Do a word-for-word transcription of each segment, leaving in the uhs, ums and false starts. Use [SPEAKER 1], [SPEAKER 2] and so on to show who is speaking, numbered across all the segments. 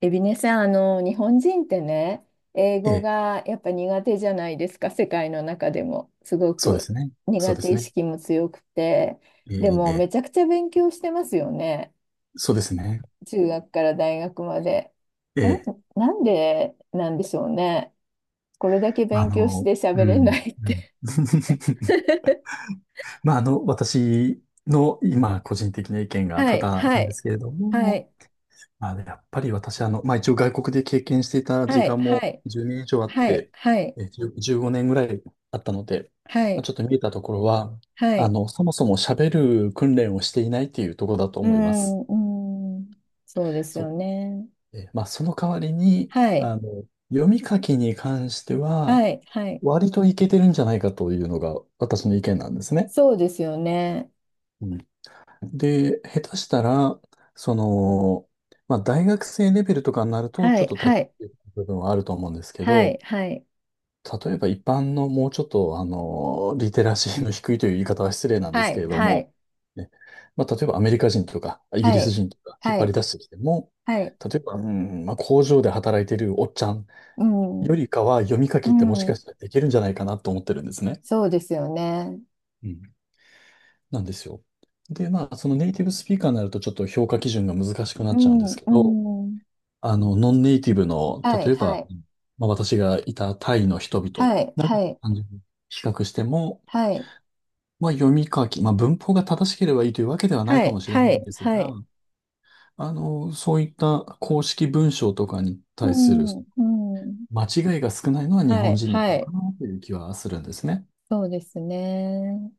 [SPEAKER 1] エビネさん、あの、日本人ってね、英
[SPEAKER 2] え
[SPEAKER 1] 語
[SPEAKER 2] え、
[SPEAKER 1] がやっぱ苦手じゃないですか、世界の中でも。すご
[SPEAKER 2] そうで
[SPEAKER 1] く
[SPEAKER 2] すね。そ
[SPEAKER 1] 苦
[SPEAKER 2] うで
[SPEAKER 1] 手
[SPEAKER 2] す
[SPEAKER 1] 意
[SPEAKER 2] ね。
[SPEAKER 1] 識も強くて。
[SPEAKER 2] え
[SPEAKER 1] でも、め
[SPEAKER 2] え、え
[SPEAKER 1] ちゃ
[SPEAKER 2] え
[SPEAKER 1] くちゃ勉強してますよね。
[SPEAKER 2] そうですね。
[SPEAKER 1] 中学から大学まで。
[SPEAKER 2] え
[SPEAKER 1] なん、
[SPEAKER 2] え、
[SPEAKER 1] なんでなんでしょうね。これだけ
[SPEAKER 2] まあ、あ
[SPEAKER 1] 勉強し
[SPEAKER 2] の、
[SPEAKER 1] て
[SPEAKER 2] う
[SPEAKER 1] 喋れな
[SPEAKER 2] ん、
[SPEAKER 1] いっ
[SPEAKER 2] うん。
[SPEAKER 1] て。
[SPEAKER 2] まあ、あの、私の今、個人的な意見が
[SPEAKER 1] は
[SPEAKER 2] 多
[SPEAKER 1] い、
[SPEAKER 2] 々
[SPEAKER 1] は
[SPEAKER 2] なんで
[SPEAKER 1] い、
[SPEAKER 2] すけれど
[SPEAKER 1] は
[SPEAKER 2] も、
[SPEAKER 1] い、
[SPEAKER 2] まあ、やっぱり私、あの、まあ、一応外国で経験していた時
[SPEAKER 1] はい、
[SPEAKER 2] 間も
[SPEAKER 1] はい、
[SPEAKER 2] じゅうねん以上あっ
[SPEAKER 1] はい、
[SPEAKER 2] て、
[SPEAKER 1] はい、
[SPEAKER 2] え、じゅう じゅうごねんぐらいあったので、
[SPEAKER 1] は
[SPEAKER 2] まあ、
[SPEAKER 1] い、
[SPEAKER 2] ちょっと見えたところは、
[SPEAKER 1] は
[SPEAKER 2] あ
[SPEAKER 1] い。
[SPEAKER 2] の、そもそも喋る訓練をしていないっていうところだと
[SPEAKER 1] うー
[SPEAKER 2] 思いま
[SPEAKER 1] ん、
[SPEAKER 2] す。
[SPEAKER 1] うーん、そうですよ
[SPEAKER 2] そ
[SPEAKER 1] ね。
[SPEAKER 2] うえまあ、その代わりに、
[SPEAKER 1] はい。
[SPEAKER 2] あの、読み書きに関しては、
[SPEAKER 1] はい、はい。
[SPEAKER 2] 割といけてるんじゃないかというのが私の意見なんですね。
[SPEAKER 1] そうですよね。
[SPEAKER 2] うんで、下手したら、その、まあ、大学生レベルとかになると、
[SPEAKER 1] は
[SPEAKER 2] ちょ
[SPEAKER 1] い、
[SPEAKER 2] っと
[SPEAKER 1] は
[SPEAKER 2] 立ち
[SPEAKER 1] い、
[SPEAKER 2] 入る部分はあると思うんですけ
[SPEAKER 1] はい、
[SPEAKER 2] ど、
[SPEAKER 1] はい、
[SPEAKER 2] 例えば一般のもうちょっと、あの、リテラシーの低いという言い方は失礼なんで
[SPEAKER 1] は
[SPEAKER 2] すけ
[SPEAKER 1] い、
[SPEAKER 2] れど
[SPEAKER 1] は
[SPEAKER 2] も、
[SPEAKER 1] い、
[SPEAKER 2] ね、まあ、例えばアメリカ人とか、イギ
[SPEAKER 1] は
[SPEAKER 2] リス
[SPEAKER 1] い、
[SPEAKER 2] 人とか引っ
[SPEAKER 1] は
[SPEAKER 2] 張り
[SPEAKER 1] い、
[SPEAKER 2] 出してきても、
[SPEAKER 1] はい、
[SPEAKER 2] 例えば、うん、まあ、工場で働いてるおっちゃん
[SPEAKER 1] うん、
[SPEAKER 2] よりかは読み書きってもし
[SPEAKER 1] う
[SPEAKER 2] か
[SPEAKER 1] ん、
[SPEAKER 2] したらできるんじゃないかなと思ってるんですね。
[SPEAKER 1] そうですよね。
[SPEAKER 2] うん。なんですよ。で、まあ、そのネイティブスピーカーになるとちょっと評価基準が難しくな
[SPEAKER 1] う
[SPEAKER 2] っちゃうんで
[SPEAKER 1] ん、
[SPEAKER 2] すけど、
[SPEAKER 1] うん、
[SPEAKER 2] あの、ノンネイティブの、
[SPEAKER 1] はい、
[SPEAKER 2] 例え
[SPEAKER 1] は
[SPEAKER 2] ば、
[SPEAKER 1] い、
[SPEAKER 2] まあ、私がいたタイの人々、
[SPEAKER 1] はい、
[SPEAKER 2] なんか
[SPEAKER 1] はい、
[SPEAKER 2] 単純に比較しても、
[SPEAKER 1] はい、
[SPEAKER 2] まあ、読み書き、まあ、文法が正しければいいというわけではない
[SPEAKER 1] は
[SPEAKER 2] か
[SPEAKER 1] い、
[SPEAKER 2] もしれ
[SPEAKER 1] は
[SPEAKER 2] ないん
[SPEAKER 1] い、
[SPEAKER 2] です
[SPEAKER 1] は
[SPEAKER 2] が、
[SPEAKER 1] い、
[SPEAKER 2] あの、そういった公式文章とかに
[SPEAKER 1] う
[SPEAKER 2] 対する
[SPEAKER 1] ん、うん、
[SPEAKER 2] 間違いが少ないのは日
[SPEAKER 1] は
[SPEAKER 2] 本
[SPEAKER 1] い、
[SPEAKER 2] 人の
[SPEAKER 1] は
[SPEAKER 2] 方か
[SPEAKER 1] い、
[SPEAKER 2] なという気はするんですね。
[SPEAKER 1] そうですね。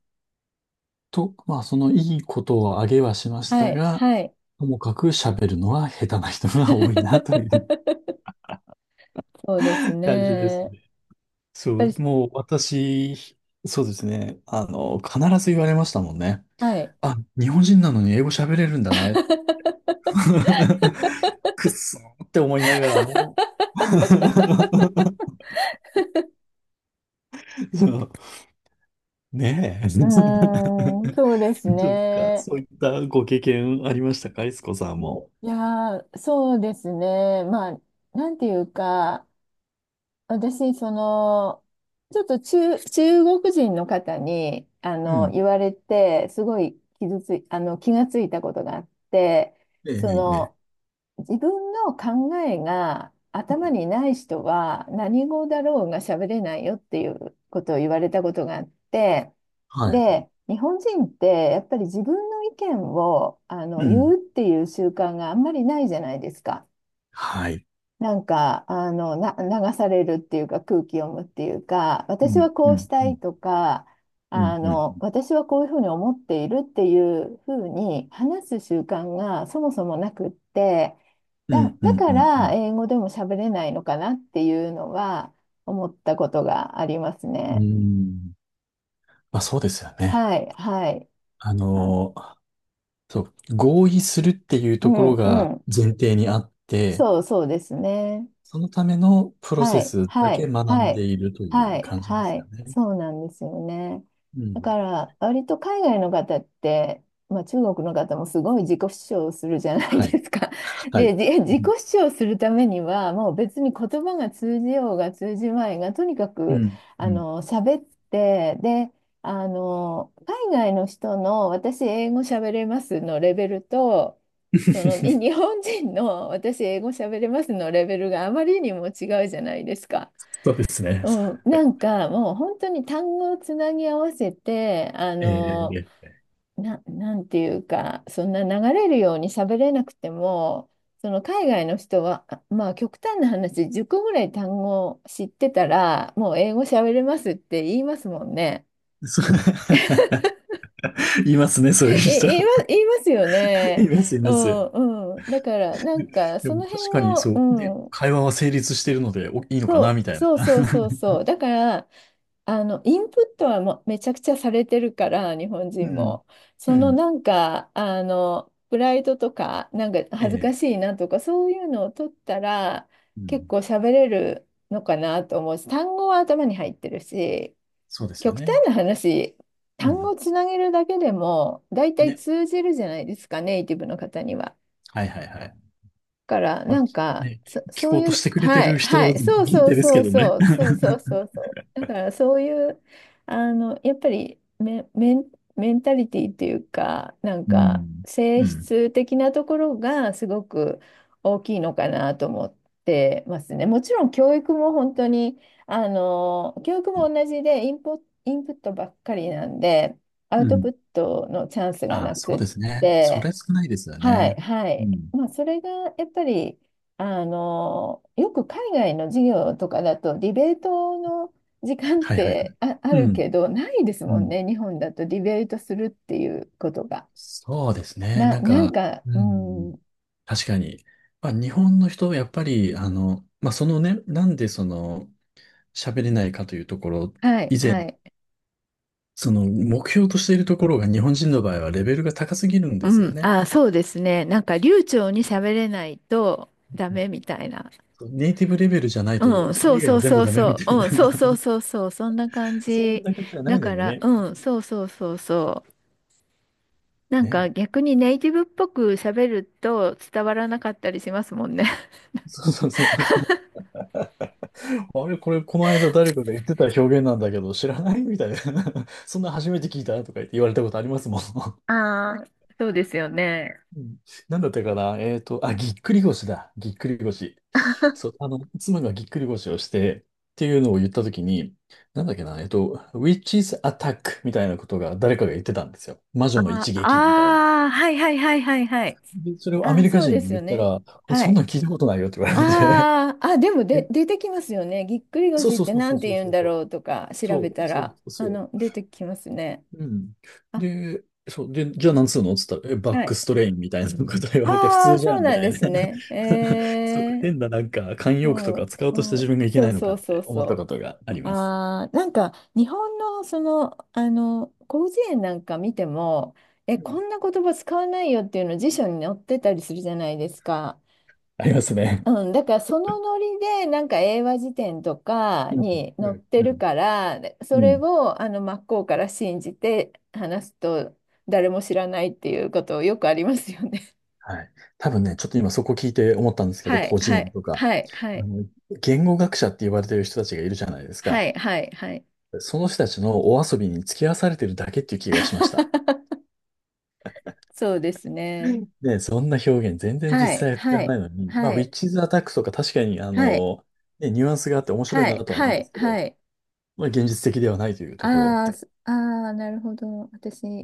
[SPEAKER 2] と、まあ、そのいいことを挙げはしまし
[SPEAKER 1] は
[SPEAKER 2] た
[SPEAKER 1] い、
[SPEAKER 2] が、
[SPEAKER 1] はい。
[SPEAKER 2] ともかく喋るのは下手な人が多いなという
[SPEAKER 1] そうです
[SPEAKER 2] 感じで
[SPEAKER 1] ね。
[SPEAKER 2] す
[SPEAKER 1] やっ
[SPEAKER 2] ね。そ
[SPEAKER 1] ぱ
[SPEAKER 2] う、
[SPEAKER 1] り、
[SPEAKER 2] もう私、そうですね。あの、必ず言われましたもんね。
[SPEAKER 1] はい。
[SPEAKER 2] あ、日本人なのに英語喋れるんだね。くっそーって思いながらも そう、ねえ。
[SPEAKER 1] うーん、そうで す
[SPEAKER 2] どうですか
[SPEAKER 1] ね。
[SPEAKER 2] そういったご経験ありましたか、いつこさんも。
[SPEAKER 1] いやー、そうですね。まあ、なんていうか、私、その、ちょっと中、中国人の方に、あ
[SPEAKER 2] う
[SPEAKER 1] の、
[SPEAKER 2] ん。
[SPEAKER 1] 言われて、すごい傷つい、あの、気がついたことがあって、
[SPEAKER 2] ええ、
[SPEAKER 1] そ
[SPEAKER 2] え
[SPEAKER 1] の、
[SPEAKER 2] え。
[SPEAKER 1] 自分の考えが
[SPEAKER 2] え
[SPEAKER 1] 頭に
[SPEAKER 2] え
[SPEAKER 1] ない人は何語だろうが喋れないよっていうことを言われたことがあって、
[SPEAKER 2] はい。
[SPEAKER 1] で、日本人ってやっぱり自分の意見を、あの、
[SPEAKER 2] う
[SPEAKER 1] 言う
[SPEAKER 2] ん。
[SPEAKER 1] っていう習慣があんまりないじゃないですか。
[SPEAKER 2] はい。
[SPEAKER 1] なんか、あの、な、流されるっていうか、空気読むっていうか、
[SPEAKER 2] う
[SPEAKER 1] 私
[SPEAKER 2] ん、
[SPEAKER 1] はこ
[SPEAKER 2] う
[SPEAKER 1] うし
[SPEAKER 2] ん、
[SPEAKER 1] た
[SPEAKER 2] うん、
[SPEAKER 1] いとか、
[SPEAKER 2] うん、
[SPEAKER 1] あ
[SPEAKER 2] うん、
[SPEAKER 1] の、私はこういうふうに思っているっていうふうに話す習慣がそもそもなくって、
[SPEAKER 2] う
[SPEAKER 1] だ、
[SPEAKER 2] ん、う
[SPEAKER 1] だ
[SPEAKER 2] ん、
[SPEAKER 1] か
[SPEAKER 2] うん、う
[SPEAKER 1] ら
[SPEAKER 2] ん。
[SPEAKER 1] 英語でも喋れないのかなっていうのは思ったことがあります
[SPEAKER 2] う
[SPEAKER 1] ね。
[SPEAKER 2] んまあそうですよね。
[SPEAKER 1] はい、はい。
[SPEAKER 2] あ
[SPEAKER 1] あ、
[SPEAKER 2] の、そう、合意するっていう
[SPEAKER 1] う
[SPEAKER 2] ところ
[SPEAKER 1] ん、う
[SPEAKER 2] が
[SPEAKER 1] ん。
[SPEAKER 2] 前提にあって、
[SPEAKER 1] そう、そうですね。
[SPEAKER 2] そのためのプロ
[SPEAKER 1] は
[SPEAKER 2] セ
[SPEAKER 1] い、
[SPEAKER 2] スだ
[SPEAKER 1] は
[SPEAKER 2] け
[SPEAKER 1] い、
[SPEAKER 2] 学
[SPEAKER 1] は
[SPEAKER 2] んで
[SPEAKER 1] い、
[SPEAKER 2] いると
[SPEAKER 1] は
[SPEAKER 2] いう
[SPEAKER 1] い、
[SPEAKER 2] 感じで
[SPEAKER 1] は
[SPEAKER 2] すか
[SPEAKER 1] い、
[SPEAKER 2] ね。
[SPEAKER 1] そうなんですよね。
[SPEAKER 2] う
[SPEAKER 1] だ
[SPEAKER 2] ん。
[SPEAKER 1] から、割と海外の方って、まあ、中国の方もすごい自己主張をするじゃない
[SPEAKER 2] はい。
[SPEAKER 1] ですか。
[SPEAKER 2] はい。
[SPEAKER 1] で、じ
[SPEAKER 2] う
[SPEAKER 1] 自己
[SPEAKER 2] ん。
[SPEAKER 1] 主張するためには、もう別に言葉が通じようが通じまいが、とにか
[SPEAKER 2] う
[SPEAKER 1] く、
[SPEAKER 2] ん。
[SPEAKER 1] あ
[SPEAKER 2] うん
[SPEAKER 1] の、喋って、で、あの、海外の人の私英語喋れますのレベルと、その、に 日本人の私英語喋れますのレベルがあまりにも違うじゃないですか。
[SPEAKER 2] そうですね。
[SPEAKER 1] うん、なんかもう本当に単語をつなぎ合わせて、あ
[SPEAKER 2] え
[SPEAKER 1] の、
[SPEAKER 2] え、
[SPEAKER 1] な、なんていうか、そんな流れるように喋れなくても、その海外の人は、あまあ極端な話、じゅっこぐらい単語知ってたら、もう英語喋れますって言いますもんね。
[SPEAKER 2] そう いますね、そういう
[SPEAKER 1] え、
[SPEAKER 2] 人。
[SPEAKER 1] 言いま、言いますよ ね。
[SPEAKER 2] います、い
[SPEAKER 1] う
[SPEAKER 2] ます。
[SPEAKER 1] んうん、だからな
[SPEAKER 2] で
[SPEAKER 1] んか
[SPEAKER 2] で
[SPEAKER 1] そ
[SPEAKER 2] も
[SPEAKER 1] の
[SPEAKER 2] 確
[SPEAKER 1] 辺
[SPEAKER 2] かにそう。で、
[SPEAKER 1] の、
[SPEAKER 2] 会話は成立しているので、お、いいのか
[SPEAKER 1] そ
[SPEAKER 2] な、み
[SPEAKER 1] う、
[SPEAKER 2] たいな。
[SPEAKER 1] そう そうそうそう。だから、あの、インプットはもうめちゃくちゃされてるから、日本
[SPEAKER 2] う
[SPEAKER 1] 人
[SPEAKER 2] ん。
[SPEAKER 1] も。
[SPEAKER 2] う
[SPEAKER 1] その
[SPEAKER 2] ん。
[SPEAKER 1] なんか、あの、プライドとか、なんか
[SPEAKER 2] え
[SPEAKER 1] 恥ずか
[SPEAKER 2] え。
[SPEAKER 1] しいなとか、そういうのを取ったら、
[SPEAKER 2] う
[SPEAKER 1] 結
[SPEAKER 2] ん。
[SPEAKER 1] 構喋れるのかなと思うし、単語は頭に入ってるし、
[SPEAKER 2] そうですよ
[SPEAKER 1] 極
[SPEAKER 2] ね。
[SPEAKER 1] 端な話、
[SPEAKER 2] う
[SPEAKER 1] 単
[SPEAKER 2] ん。
[SPEAKER 1] 語つなげるだけでも、大体
[SPEAKER 2] ね。
[SPEAKER 1] 通じるじゃないですか、ネイティブの方には。
[SPEAKER 2] はいはいはい。
[SPEAKER 1] から、
[SPEAKER 2] まあ、
[SPEAKER 1] なん
[SPEAKER 2] き
[SPEAKER 1] か、
[SPEAKER 2] ね、
[SPEAKER 1] そ、
[SPEAKER 2] き聞
[SPEAKER 1] そう
[SPEAKER 2] こうと
[SPEAKER 1] い
[SPEAKER 2] し
[SPEAKER 1] う、
[SPEAKER 2] てくれて
[SPEAKER 1] は
[SPEAKER 2] る
[SPEAKER 1] い、
[SPEAKER 2] 人
[SPEAKER 1] はい、そう
[SPEAKER 2] 限
[SPEAKER 1] そう
[SPEAKER 2] 定です
[SPEAKER 1] そ
[SPEAKER 2] け
[SPEAKER 1] う
[SPEAKER 2] どね。
[SPEAKER 1] そう、そうそうそうそう。だから、そういう、あの、やっぱりメ、メン、メンタリティっていうか、なん
[SPEAKER 2] う
[SPEAKER 1] か、
[SPEAKER 2] ん。
[SPEAKER 1] 性
[SPEAKER 2] うん。
[SPEAKER 1] 質的なところがすごく大きいのかなと思ってますね。もちろん、教育も本当に、あの、教育も同じで、インポ、インプットばっかりなんで、ア
[SPEAKER 2] う
[SPEAKER 1] ウトプ
[SPEAKER 2] ん。
[SPEAKER 1] ットのチャンスが
[SPEAKER 2] あ
[SPEAKER 1] な
[SPEAKER 2] あ、
[SPEAKER 1] く
[SPEAKER 2] そう
[SPEAKER 1] っ
[SPEAKER 2] ですね。そ
[SPEAKER 1] て、
[SPEAKER 2] れ少ないですよ
[SPEAKER 1] はい、
[SPEAKER 2] ね。
[SPEAKER 1] は
[SPEAKER 2] う
[SPEAKER 1] い。
[SPEAKER 2] ん。
[SPEAKER 1] まあ、それがやっぱり、あの、よく海外の授業とかだと、ディベートの時間っ
[SPEAKER 2] はいはいはい。
[SPEAKER 1] てあ、あ
[SPEAKER 2] う
[SPEAKER 1] る
[SPEAKER 2] ん。
[SPEAKER 1] けど、ないです
[SPEAKER 2] う
[SPEAKER 1] もん
[SPEAKER 2] ん。
[SPEAKER 1] ね、日本だとディベートするっていうことが。
[SPEAKER 2] そうですね。
[SPEAKER 1] な、
[SPEAKER 2] なん
[SPEAKER 1] なん
[SPEAKER 2] か、
[SPEAKER 1] か、
[SPEAKER 2] う
[SPEAKER 1] う
[SPEAKER 2] ん。
[SPEAKER 1] ん、
[SPEAKER 2] 確かに。まあ、日本の人はやっぱり、あの、まあ、そのね、なんでその、喋れないかというところ、
[SPEAKER 1] はい、
[SPEAKER 2] 以前、
[SPEAKER 1] はい。
[SPEAKER 2] その、目標としているところが日本人の場合はレベルが高すぎるん
[SPEAKER 1] う
[SPEAKER 2] ですよ
[SPEAKER 1] ん、
[SPEAKER 2] ね。
[SPEAKER 1] あ、そうですね。なんか流暢に喋れないとダ
[SPEAKER 2] うん
[SPEAKER 1] メみたいな。
[SPEAKER 2] ネイティブレベルじゃない
[SPEAKER 1] う
[SPEAKER 2] と、
[SPEAKER 1] ん、
[SPEAKER 2] そ
[SPEAKER 1] そ
[SPEAKER 2] れ
[SPEAKER 1] う
[SPEAKER 2] 以外
[SPEAKER 1] そ
[SPEAKER 2] は
[SPEAKER 1] う
[SPEAKER 2] 全部
[SPEAKER 1] そう
[SPEAKER 2] ダメみ
[SPEAKER 1] そ
[SPEAKER 2] た
[SPEAKER 1] う。
[SPEAKER 2] い
[SPEAKER 1] う
[SPEAKER 2] な、
[SPEAKER 1] ん、そうそう そうそう。そんな感
[SPEAKER 2] そん
[SPEAKER 1] じ。
[SPEAKER 2] な感じじゃな
[SPEAKER 1] だ
[SPEAKER 2] いの
[SPEAKER 1] か
[SPEAKER 2] に
[SPEAKER 1] ら、
[SPEAKER 2] ね。
[SPEAKER 1] うん、そうそうそうそう。なんか
[SPEAKER 2] ねえ。
[SPEAKER 1] 逆にネイティブっぽく喋ると伝わらなかったりしますもんね。
[SPEAKER 2] そうそうそう。あれ、これ、この間誰かが言ってた表現なんだけど、知らないみたいな。そんな初めて聞いたとか言って言われたことありますもん。
[SPEAKER 1] あー、そうですよね。
[SPEAKER 2] うん、なんだったかなえっと、あ、ぎっくり腰だ。ぎっくり腰。そう、あの、妻がぎっくり腰をして、っていうのを言ったときに、なんだっけな、えっと、Witch's Attack みたいなことが誰かが言ってたんですよ。魔女の
[SPEAKER 1] あ
[SPEAKER 2] 一撃みたいな。
[SPEAKER 1] あー、はいはいはいはいはい。
[SPEAKER 2] で、それ
[SPEAKER 1] あ
[SPEAKER 2] をアメ
[SPEAKER 1] ー、
[SPEAKER 2] リカ
[SPEAKER 1] そうで
[SPEAKER 2] 人に
[SPEAKER 1] す
[SPEAKER 2] 言
[SPEAKER 1] よ
[SPEAKER 2] った
[SPEAKER 1] ね。
[SPEAKER 2] ら、あ、
[SPEAKER 1] は
[SPEAKER 2] そん
[SPEAKER 1] い。
[SPEAKER 2] なん聞いたことないよって言われて。
[SPEAKER 1] あーあ、でも で、
[SPEAKER 2] え、
[SPEAKER 1] 出てきますよね。ぎっくり
[SPEAKER 2] そう
[SPEAKER 1] 腰っ
[SPEAKER 2] そう
[SPEAKER 1] て
[SPEAKER 2] そう
[SPEAKER 1] な
[SPEAKER 2] そ
[SPEAKER 1] ん
[SPEAKER 2] う
[SPEAKER 1] て
[SPEAKER 2] そう
[SPEAKER 1] 言う
[SPEAKER 2] そ
[SPEAKER 1] んだ
[SPEAKER 2] う。
[SPEAKER 1] ろうとか調べ
[SPEAKER 2] そう
[SPEAKER 1] た
[SPEAKER 2] そ
[SPEAKER 1] ら、
[SPEAKER 2] うそ
[SPEAKER 1] あ
[SPEAKER 2] う。
[SPEAKER 1] の、出てきますね。
[SPEAKER 2] うん。
[SPEAKER 1] あ、
[SPEAKER 2] で、そう、で、じゃあ何するのっつったら、え、バ
[SPEAKER 1] は
[SPEAKER 2] ック
[SPEAKER 1] い。
[SPEAKER 2] ストレインみたいなこと言われて、普
[SPEAKER 1] あ
[SPEAKER 2] 通
[SPEAKER 1] あ、
[SPEAKER 2] じ
[SPEAKER 1] そ
[SPEAKER 2] ゃ
[SPEAKER 1] う
[SPEAKER 2] んみ
[SPEAKER 1] なん
[SPEAKER 2] た
[SPEAKER 1] で
[SPEAKER 2] い
[SPEAKER 1] す
[SPEAKER 2] な。
[SPEAKER 1] ね。
[SPEAKER 2] そうか、
[SPEAKER 1] え
[SPEAKER 2] 変ななんか慣
[SPEAKER 1] ー、う
[SPEAKER 2] 用句とか使おうとした
[SPEAKER 1] ん、う
[SPEAKER 2] 自
[SPEAKER 1] ん、
[SPEAKER 2] 分がいけ
[SPEAKER 1] そ
[SPEAKER 2] な
[SPEAKER 1] う
[SPEAKER 2] いのか
[SPEAKER 1] そ
[SPEAKER 2] っ
[SPEAKER 1] うそ
[SPEAKER 2] て
[SPEAKER 1] う
[SPEAKER 2] 思った
[SPEAKER 1] そ
[SPEAKER 2] ことがあ
[SPEAKER 1] う。
[SPEAKER 2] ります。
[SPEAKER 1] あー、なんか日本のその、あの広辞苑なんか見てもえ
[SPEAKER 2] う
[SPEAKER 1] こ
[SPEAKER 2] ん
[SPEAKER 1] んな言葉使わないよっていうの辞書に載ってたりするじゃないですか。
[SPEAKER 2] ありますね。
[SPEAKER 1] うん、だからそのノリでなんか英和辞典とか
[SPEAKER 2] うん、
[SPEAKER 1] に
[SPEAKER 2] う
[SPEAKER 1] 載っ
[SPEAKER 2] ん、
[SPEAKER 1] て
[SPEAKER 2] う
[SPEAKER 1] る
[SPEAKER 2] ん。
[SPEAKER 1] からでそ
[SPEAKER 2] う
[SPEAKER 1] れ
[SPEAKER 2] ん
[SPEAKER 1] をあの真っ向から信じて話すと誰も知らないっていうことよくありますよね。
[SPEAKER 2] はい。多分ね、ちょっと今そこ聞いて思ったんで すけど、
[SPEAKER 1] はい
[SPEAKER 2] 個
[SPEAKER 1] は
[SPEAKER 2] 人
[SPEAKER 1] い
[SPEAKER 2] とか、
[SPEAKER 1] はいは
[SPEAKER 2] あ
[SPEAKER 1] い
[SPEAKER 2] の、言語学者って言われてる人たちがいるじゃないです
[SPEAKER 1] は
[SPEAKER 2] か。
[SPEAKER 1] いはいはい。
[SPEAKER 2] その人たちのお遊びに付き合わされてるだけっていう気がしました。
[SPEAKER 1] そうですね。
[SPEAKER 2] ね、そんな表現全然
[SPEAKER 1] は
[SPEAKER 2] 実
[SPEAKER 1] い
[SPEAKER 2] 際は使
[SPEAKER 1] は
[SPEAKER 2] わな
[SPEAKER 1] い
[SPEAKER 2] いのに、まあ、
[SPEAKER 1] は
[SPEAKER 2] ウィッ
[SPEAKER 1] い。
[SPEAKER 2] チズ・アタックとか確かに、あ
[SPEAKER 1] はい、
[SPEAKER 2] の、ね、ニュアンスがあって面白い
[SPEAKER 1] はい、
[SPEAKER 2] なとは思う
[SPEAKER 1] は
[SPEAKER 2] んで
[SPEAKER 1] い、
[SPEAKER 2] すけど、
[SPEAKER 1] はい。
[SPEAKER 2] まあ、現実的ではないというところ
[SPEAKER 1] あー
[SPEAKER 2] です。
[SPEAKER 1] すあー、なるほど。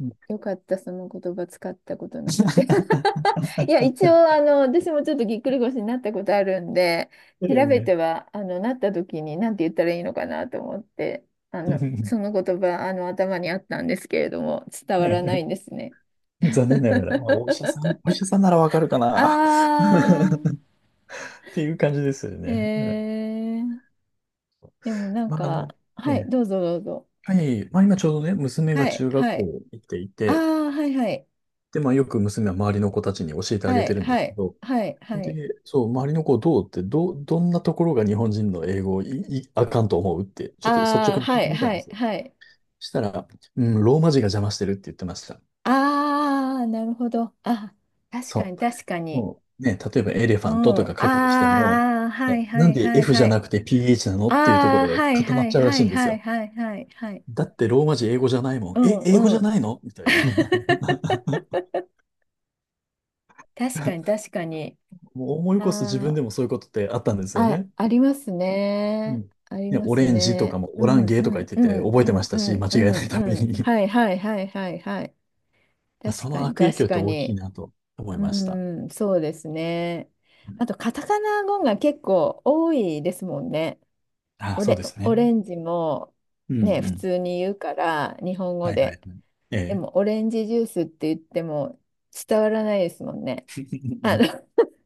[SPEAKER 2] うん
[SPEAKER 1] よかった、その言葉使ったことなくて。いや、一応、あの、私もちょっとぎっくり腰になったことあるんで、調べ
[SPEAKER 2] ええ
[SPEAKER 1] ては、あの、なった時に何て言ったらいいのかなと思って、あ
[SPEAKER 2] う
[SPEAKER 1] の、
[SPEAKER 2] ん
[SPEAKER 1] その言葉、あの、頭にあったんですけれども、伝わ
[SPEAKER 2] は
[SPEAKER 1] らない
[SPEAKER 2] い
[SPEAKER 1] んですね。
[SPEAKER 2] 残念ながら、まあ、お医者さん、お医 者さんならわかるかな
[SPEAKER 1] あ
[SPEAKER 2] っていう感じですよ
[SPEAKER 1] ー、え
[SPEAKER 2] ね。うん
[SPEAKER 1] ー、でもなん
[SPEAKER 2] まあ、あ
[SPEAKER 1] か、
[SPEAKER 2] の、え
[SPEAKER 1] はい、
[SPEAKER 2] え、
[SPEAKER 1] どうぞどうぞ。
[SPEAKER 2] はい、まあ、今ちょうどね、娘が
[SPEAKER 1] はい、
[SPEAKER 2] 中学
[SPEAKER 1] はい。
[SPEAKER 2] 校行ってい
[SPEAKER 1] あ
[SPEAKER 2] て、
[SPEAKER 1] あ、はいはい。
[SPEAKER 2] で、まあ、よく娘は周りの子たちに教えてあ
[SPEAKER 1] は
[SPEAKER 2] げ
[SPEAKER 1] い、
[SPEAKER 2] てるんで
[SPEAKER 1] は
[SPEAKER 2] すけ
[SPEAKER 1] い、
[SPEAKER 2] ど、
[SPEAKER 1] はい、は
[SPEAKER 2] で、
[SPEAKER 1] い。
[SPEAKER 2] そう、周りの子どうって、ど、どんなところが日本人の英語をい、い、あかんと思うって、ちょっと率
[SPEAKER 1] あ
[SPEAKER 2] 直
[SPEAKER 1] あ、
[SPEAKER 2] に聞い
[SPEAKER 1] は
[SPEAKER 2] て
[SPEAKER 1] い、
[SPEAKER 2] みたん
[SPEAKER 1] は
[SPEAKER 2] で
[SPEAKER 1] い、
[SPEAKER 2] すよ。
[SPEAKER 1] はい。
[SPEAKER 2] したら、うん、ローマ字が邪魔してるって言ってました。
[SPEAKER 1] ああ、なるほど。あ、確か
[SPEAKER 2] そ
[SPEAKER 1] に、確か
[SPEAKER 2] う。
[SPEAKER 1] に。
[SPEAKER 2] もうね、例えばエレフ
[SPEAKER 1] う
[SPEAKER 2] ァント
[SPEAKER 1] ん。
[SPEAKER 2] と
[SPEAKER 1] あ
[SPEAKER 2] か書くにしても、
[SPEAKER 1] あ、あー、はい、は
[SPEAKER 2] なん
[SPEAKER 1] い、
[SPEAKER 2] で
[SPEAKER 1] はい、
[SPEAKER 2] F じ
[SPEAKER 1] は
[SPEAKER 2] ゃ
[SPEAKER 1] い。
[SPEAKER 2] なくて ピーエイチ なの
[SPEAKER 1] あ
[SPEAKER 2] っていうところ
[SPEAKER 1] あ、
[SPEAKER 2] で
[SPEAKER 1] はい、
[SPEAKER 2] 固ま
[SPEAKER 1] は
[SPEAKER 2] っ
[SPEAKER 1] い、
[SPEAKER 2] ちゃうら
[SPEAKER 1] は
[SPEAKER 2] しい
[SPEAKER 1] い、
[SPEAKER 2] んです
[SPEAKER 1] はい、
[SPEAKER 2] よ。
[SPEAKER 1] はい、はい。はい、
[SPEAKER 2] だってローマ字英語じゃないもん。
[SPEAKER 1] う
[SPEAKER 2] え、
[SPEAKER 1] ん、
[SPEAKER 2] 英語
[SPEAKER 1] う
[SPEAKER 2] じゃ
[SPEAKER 1] ん。
[SPEAKER 2] ないのみたいな。
[SPEAKER 1] 確かに、確かに。
[SPEAKER 2] もう思い起こすと自分
[SPEAKER 1] あ
[SPEAKER 2] でもそういうことってあったんですよ
[SPEAKER 1] あ、あ、
[SPEAKER 2] ね。
[SPEAKER 1] あります
[SPEAKER 2] う
[SPEAKER 1] ね。
[SPEAKER 2] ん。
[SPEAKER 1] あり
[SPEAKER 2] ね、
[SPEAKER 1] ま
[SPEAKER 2] オ
[SPEAKER 1] す
[SPEAKER 2] レンジと
[SPEAKER 1] ね。
[SPEAKER 2] かも
[SPEAKER 1] う
[SPEAKER 2] オラン
[SPEAKER 1] ん、
[SPEAKER 2] ゲ
[SPEAKER 1] う
[SPEAKER 2] ーとか言っ
[SPEAKER 1] ん、
[SPEAKER 2] て
[SPEAKER 1] う
[SPEAKER 2] て
[SPEAKER 1] ん、
[SPEAKER 2] 覚えて
[SPEAKER 1] う
[SPEAKER 2] ま
[SPEAKER 1] ん、
[SPEAKER 2] し
[SPEAKER 1] う
[SPEAKER 2] たし、
[SPEAKER 1] ん、
[SPEAKER 2] 間違
[SPEAKER 1] う
[SPEAKER 2] えないため
[SPEAKER 1] ん、うん。
[SPEAKER 2] に。
[SPEAKER 1] はい、はい、はい、はい、はい。確
[SPEAKER 2] そ
[SPEAKER 1] か
[SPEAKER 2] の
[SPEAKER 1] に、
[SPEAKER 2] 悪影響
[SPEAKER 1] 確
[SPEAKER 2] って
[SPEAKER 1] か
[SPEAKER 2] 大きい
[SPEAKER 1] に。
[SPEAKER 2] なと思い
[SPEAKER 1] う
[SPEAKER 2] ました。
[SPEAKER 1] ん、そうですね。
[SPEAKER 2] うん
[SPEAKER 1] あと、カタカナ語が結構多いですもんね。
[SPEAKER 2] あ、
[SPEAKER 1] オ
[SPEAKER 2] そう
[SPEAKER 1] レ、
[SPEAKER 2] ですね。
[SPEAKER 1] オレンジも、
[SPEAKER 2] うんう
[SPEAKER 1] ね、普
[SPEAKER 2] ん。
[SPEAKER 1] 通に言うから、日本語
[SPEAKER 2] はいはい
[SPEAKER 1] で。
[SPEAKER 2] はい。え
[SPEAKER 1] で
[SPEAKER 2] え。
[SPEAKER 1] も、オレンジジュースって言っても伝わらないですもんね。あの、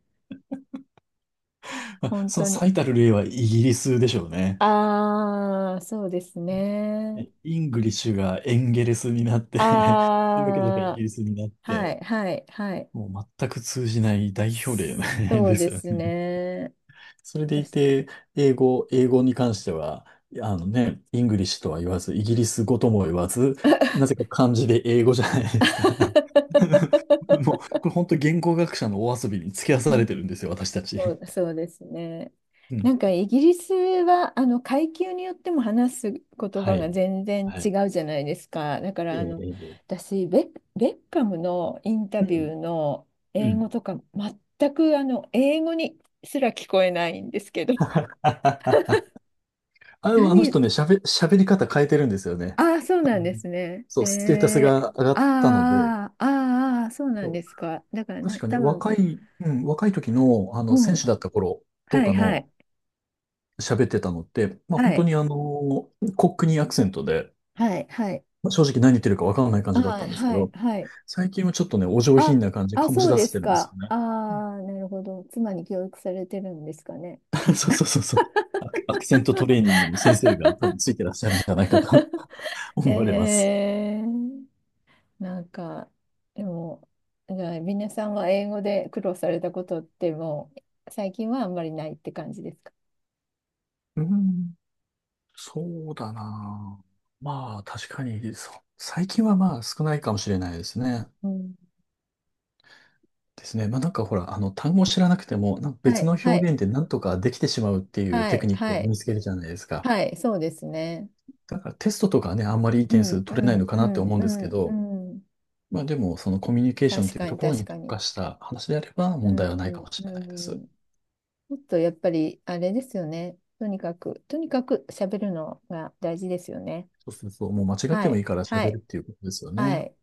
[SPEAKER 2] まあ
[SPEAKER 1] 本
[SPEAKER 2] その
[SPEAKER 1] 当に。
[SPEAKER 2] 最たる例はイギリスでしょうね。
[SPEAKER 1] ああ、そうですね。
[SPEAKER 2] えイングリッシュがエンゲレスになって それだけ だけイ
[SPEAKER 1] あ
[SPEAKER 2] ギリスになっ
[SPEAKER 1] あ、は
[SPEAKER 2] て、
[SPEAKER 1] い、はい、はい。
[SPEAKER 2] もう全く通じない代表例
[SPEAKER 1] そ
[SPEAKER 2] で
[SPEAKER 1] うで
[SPEAKER 2] すよ
[SPEAKER 1] す
[SPEAKER 2] ね。
[SPEAKER 1] ね。
[SPEAKER 2] それでい
[SPEAKER 1] 私
[SPEAKER 2] て、英語、英語に関しては、あのね、イングリッシュとは言わず、イギリス語とも言わず、なぜか漢字で英語じゃないですか。もう、これ本当言語学者のお遊びに付き合わ
[SPEAKER 1] う
[SPEAKER 2] され
[SPEAKER 1] ん、
[SPEAKER 2] てるんですよ、私たち。
[SPEAKER 1] そうそうですね。
[SPEAKER 2] う
[SPEAKER 1] な
[SPEAKER 2] ん。
[SPEAKER 1] んかイギリスはあの階級によっても話す言
[SPEAKER 2] は
[SPEAKER 1] 葉が
[SPEAKER 2] い。
[SPEAKER 1] 全然
[SPEAKER 2] は
[SPEAKER 1] 違
[SPEAKER 2] い。
[SPEAKER 1] うじゃないですか。だからあ
[SPEAKER 2] ええ、
[SPEAKER 1] の
[SPEAKER 2] ええ
[SPEAKER 1] 私ベッ、ベッカムのインタ
[SPEAKER 2] う
[SPEAKER 1] ビュ
[SPEAKER 2] ん。
[SPEAKER 1] ーの
[SPEAKER 2] う
[SPEAKER 1] 英語
[SPEAKER 2] ん。
[SPEAKER 1] とか全くあの英語にすら聞こえないんですけど。
[SPEAKER 2] あの、でもあの
[SPEAKER 1] 何
[SPEAKER 2] 人ね、喋、喋り方変えてるんですよね。
[SPEAKER 1] ああ、そうなんですね。
[SPEAKER 2] そう、ステータス
[SPEAKER 1] えー、
[SPEAKER 2] が上がったので、
[SPEAKER 1] ああ、ああ、そうなんですか。だから
[SPEAKER 2] 確
[SPEAKER 1] な、
[SPEAKER 2] かね、
[SPEAKER 1] 多分、
[SPEAKER 2] 若い、うん、若い時の、あ
[SPEAKER 1] う
[SPEAKER 2] の、選手
[SPEAKER 1] ん、
[SPEAKER 2] だった頃と
[SPEAKER 1] はい
[SPEAKER 2] か
[SPEAKER 1] は
[SPEAKER 2] の
[SPEAKER 1] い、
[SPEAKER 2] 喋ってたのって、まあ本
[SPEAKER 1] は
[SPEAKER 2] 当
[SPEAKER 1] い、
[SPEAKER 2] にあの、コックニーアクセントで、
[SPEAKER 1] はい、はい、
[SPEAKER 2] まあ、正直何言ってるかわからない感
[SPEAKER 1] あ
[SPEAKER 2] じだった
[SPEAKER 1] あ、
[SPEAKER 2] んですけ
[SPEAKER 1] はい、
[SPEAKER 2] ど、
[SPEAKER 1] はい。
[SPEAKER 2] 最近はちょっとね、お上品
[SPEAKER 1] あ、
[SPEAKER 2] な感じ、
[SPEAKER 1] あ、
[SPEAKER 2] 醸し
[SPEAKER 1] そう
[SPEAKER 2] 出
[SPEAKER 1] で
[SPEAKER 2] して
[SPEAKER 1] す
[SPEAKER 2] るんです
[SPEAKER 1] か。
[SPEAKER 2] よ
[SPEAKER 1] あ
[SPEAKER 2] ね。
[SPEAKER 1] あ、なるほど。妻に教育されてるんですかね。
[SPEAKER 2] そうそうそうそう。アク、アクセントトレーニングの先生が多 分ついてらっしゃるんじゃないかと 思われます。
[SPEAKER 1] えー、なんか、でも、じゃあ、皆さんは英語で苦労されたことってもう、最近はあんまりないって感じですか？
[SPEAKER 2] うん、そうだな。まあ、確かに、そう。最近はまあ少ないかもしれないですね。
[SPEAKER 1] うん。
[SPEAKER 2] ですね。まあなんかほら、あの、単語を知らなくても、なんか
[SPEAKER 1] は
[SPEAKER 2] 別
[SPEAKER 1] い、
[SPEAKER 2] の表
[SPEAKER 1] はい、
[SPEAKER 2] 現でなんとかできてしまうっていう
[SPEAKER 1] は
[SPEAKER 2] テク
[SPEAKER 1] い、
[SPEAKER 2] ニックを
[SPEAKER 1] は
[SPEAKER 2] 身
[SPEAKER 1] い、
[SPEAKER 2] につけるじゃないですか。
[SPEAKER 1] はい、そうですね。
[SPEAKER 2] だからテストとかはね、あんまりいい
[SPEAKER 1] う
[SPEAKER 2] 点数
[SPEAKER 1] ん、う
[SPEAKER 2] 取れないの
[SPEAKER 1] ん、
[SPEAKER 2] か
[SPEAKER 1] う
[SPEAKER 2] なって
[SPEAKER 1] ん、
[SPEAKER 2] 思うん
[SPEAKER 1] う
[SPEAKER 2] ですけ
[SPEAKER 1] ん、う
[SPEAKER 2] ど、
[SPEAKER 1] ん。
[SPEAKER 2] まあでも、そのコミュニケーションっ
[SPEAKER 1] 確
[SPEAKER 2] ていう
[SPEAKER 1] か
[SPEAKER 2] と
[SPEAKER 1] に、
[SPEAKER 2] ころ
[SPEAKER 1] 確
[SPEAKER 2] に
[SPEAKER 1] か
[SPEAKER 2] 特
[SPEAKER 1] に。
[SPEAKER 2] 化した話であれば
[SPEAKER 1] う
[SPEAKER 2] 問題はないか
[SPEAKER 1] ん、
[SPEAKER 2] もしれないです。
[SPEAKER 1] うん。ちょっとやっぱりあれですよね。とにかく、とにかく喋るのが大事ですよね。
[SPEAKER 2] そうそうそう、もう間違っ
[SPEAKER 1] は
[SPEAKER 2] てもい
[SPEAKER 1] い、
[SPEAKER 2] いから
[SPEAKER 1] は
[SPEAKER 2] 喋るっ
[SPEAKER 1] い、
[SPEAKER 2] ていうことですよ
[SPEAKER 1] は
[SPEAKER 2] ね。
[SPEAKER 1] い。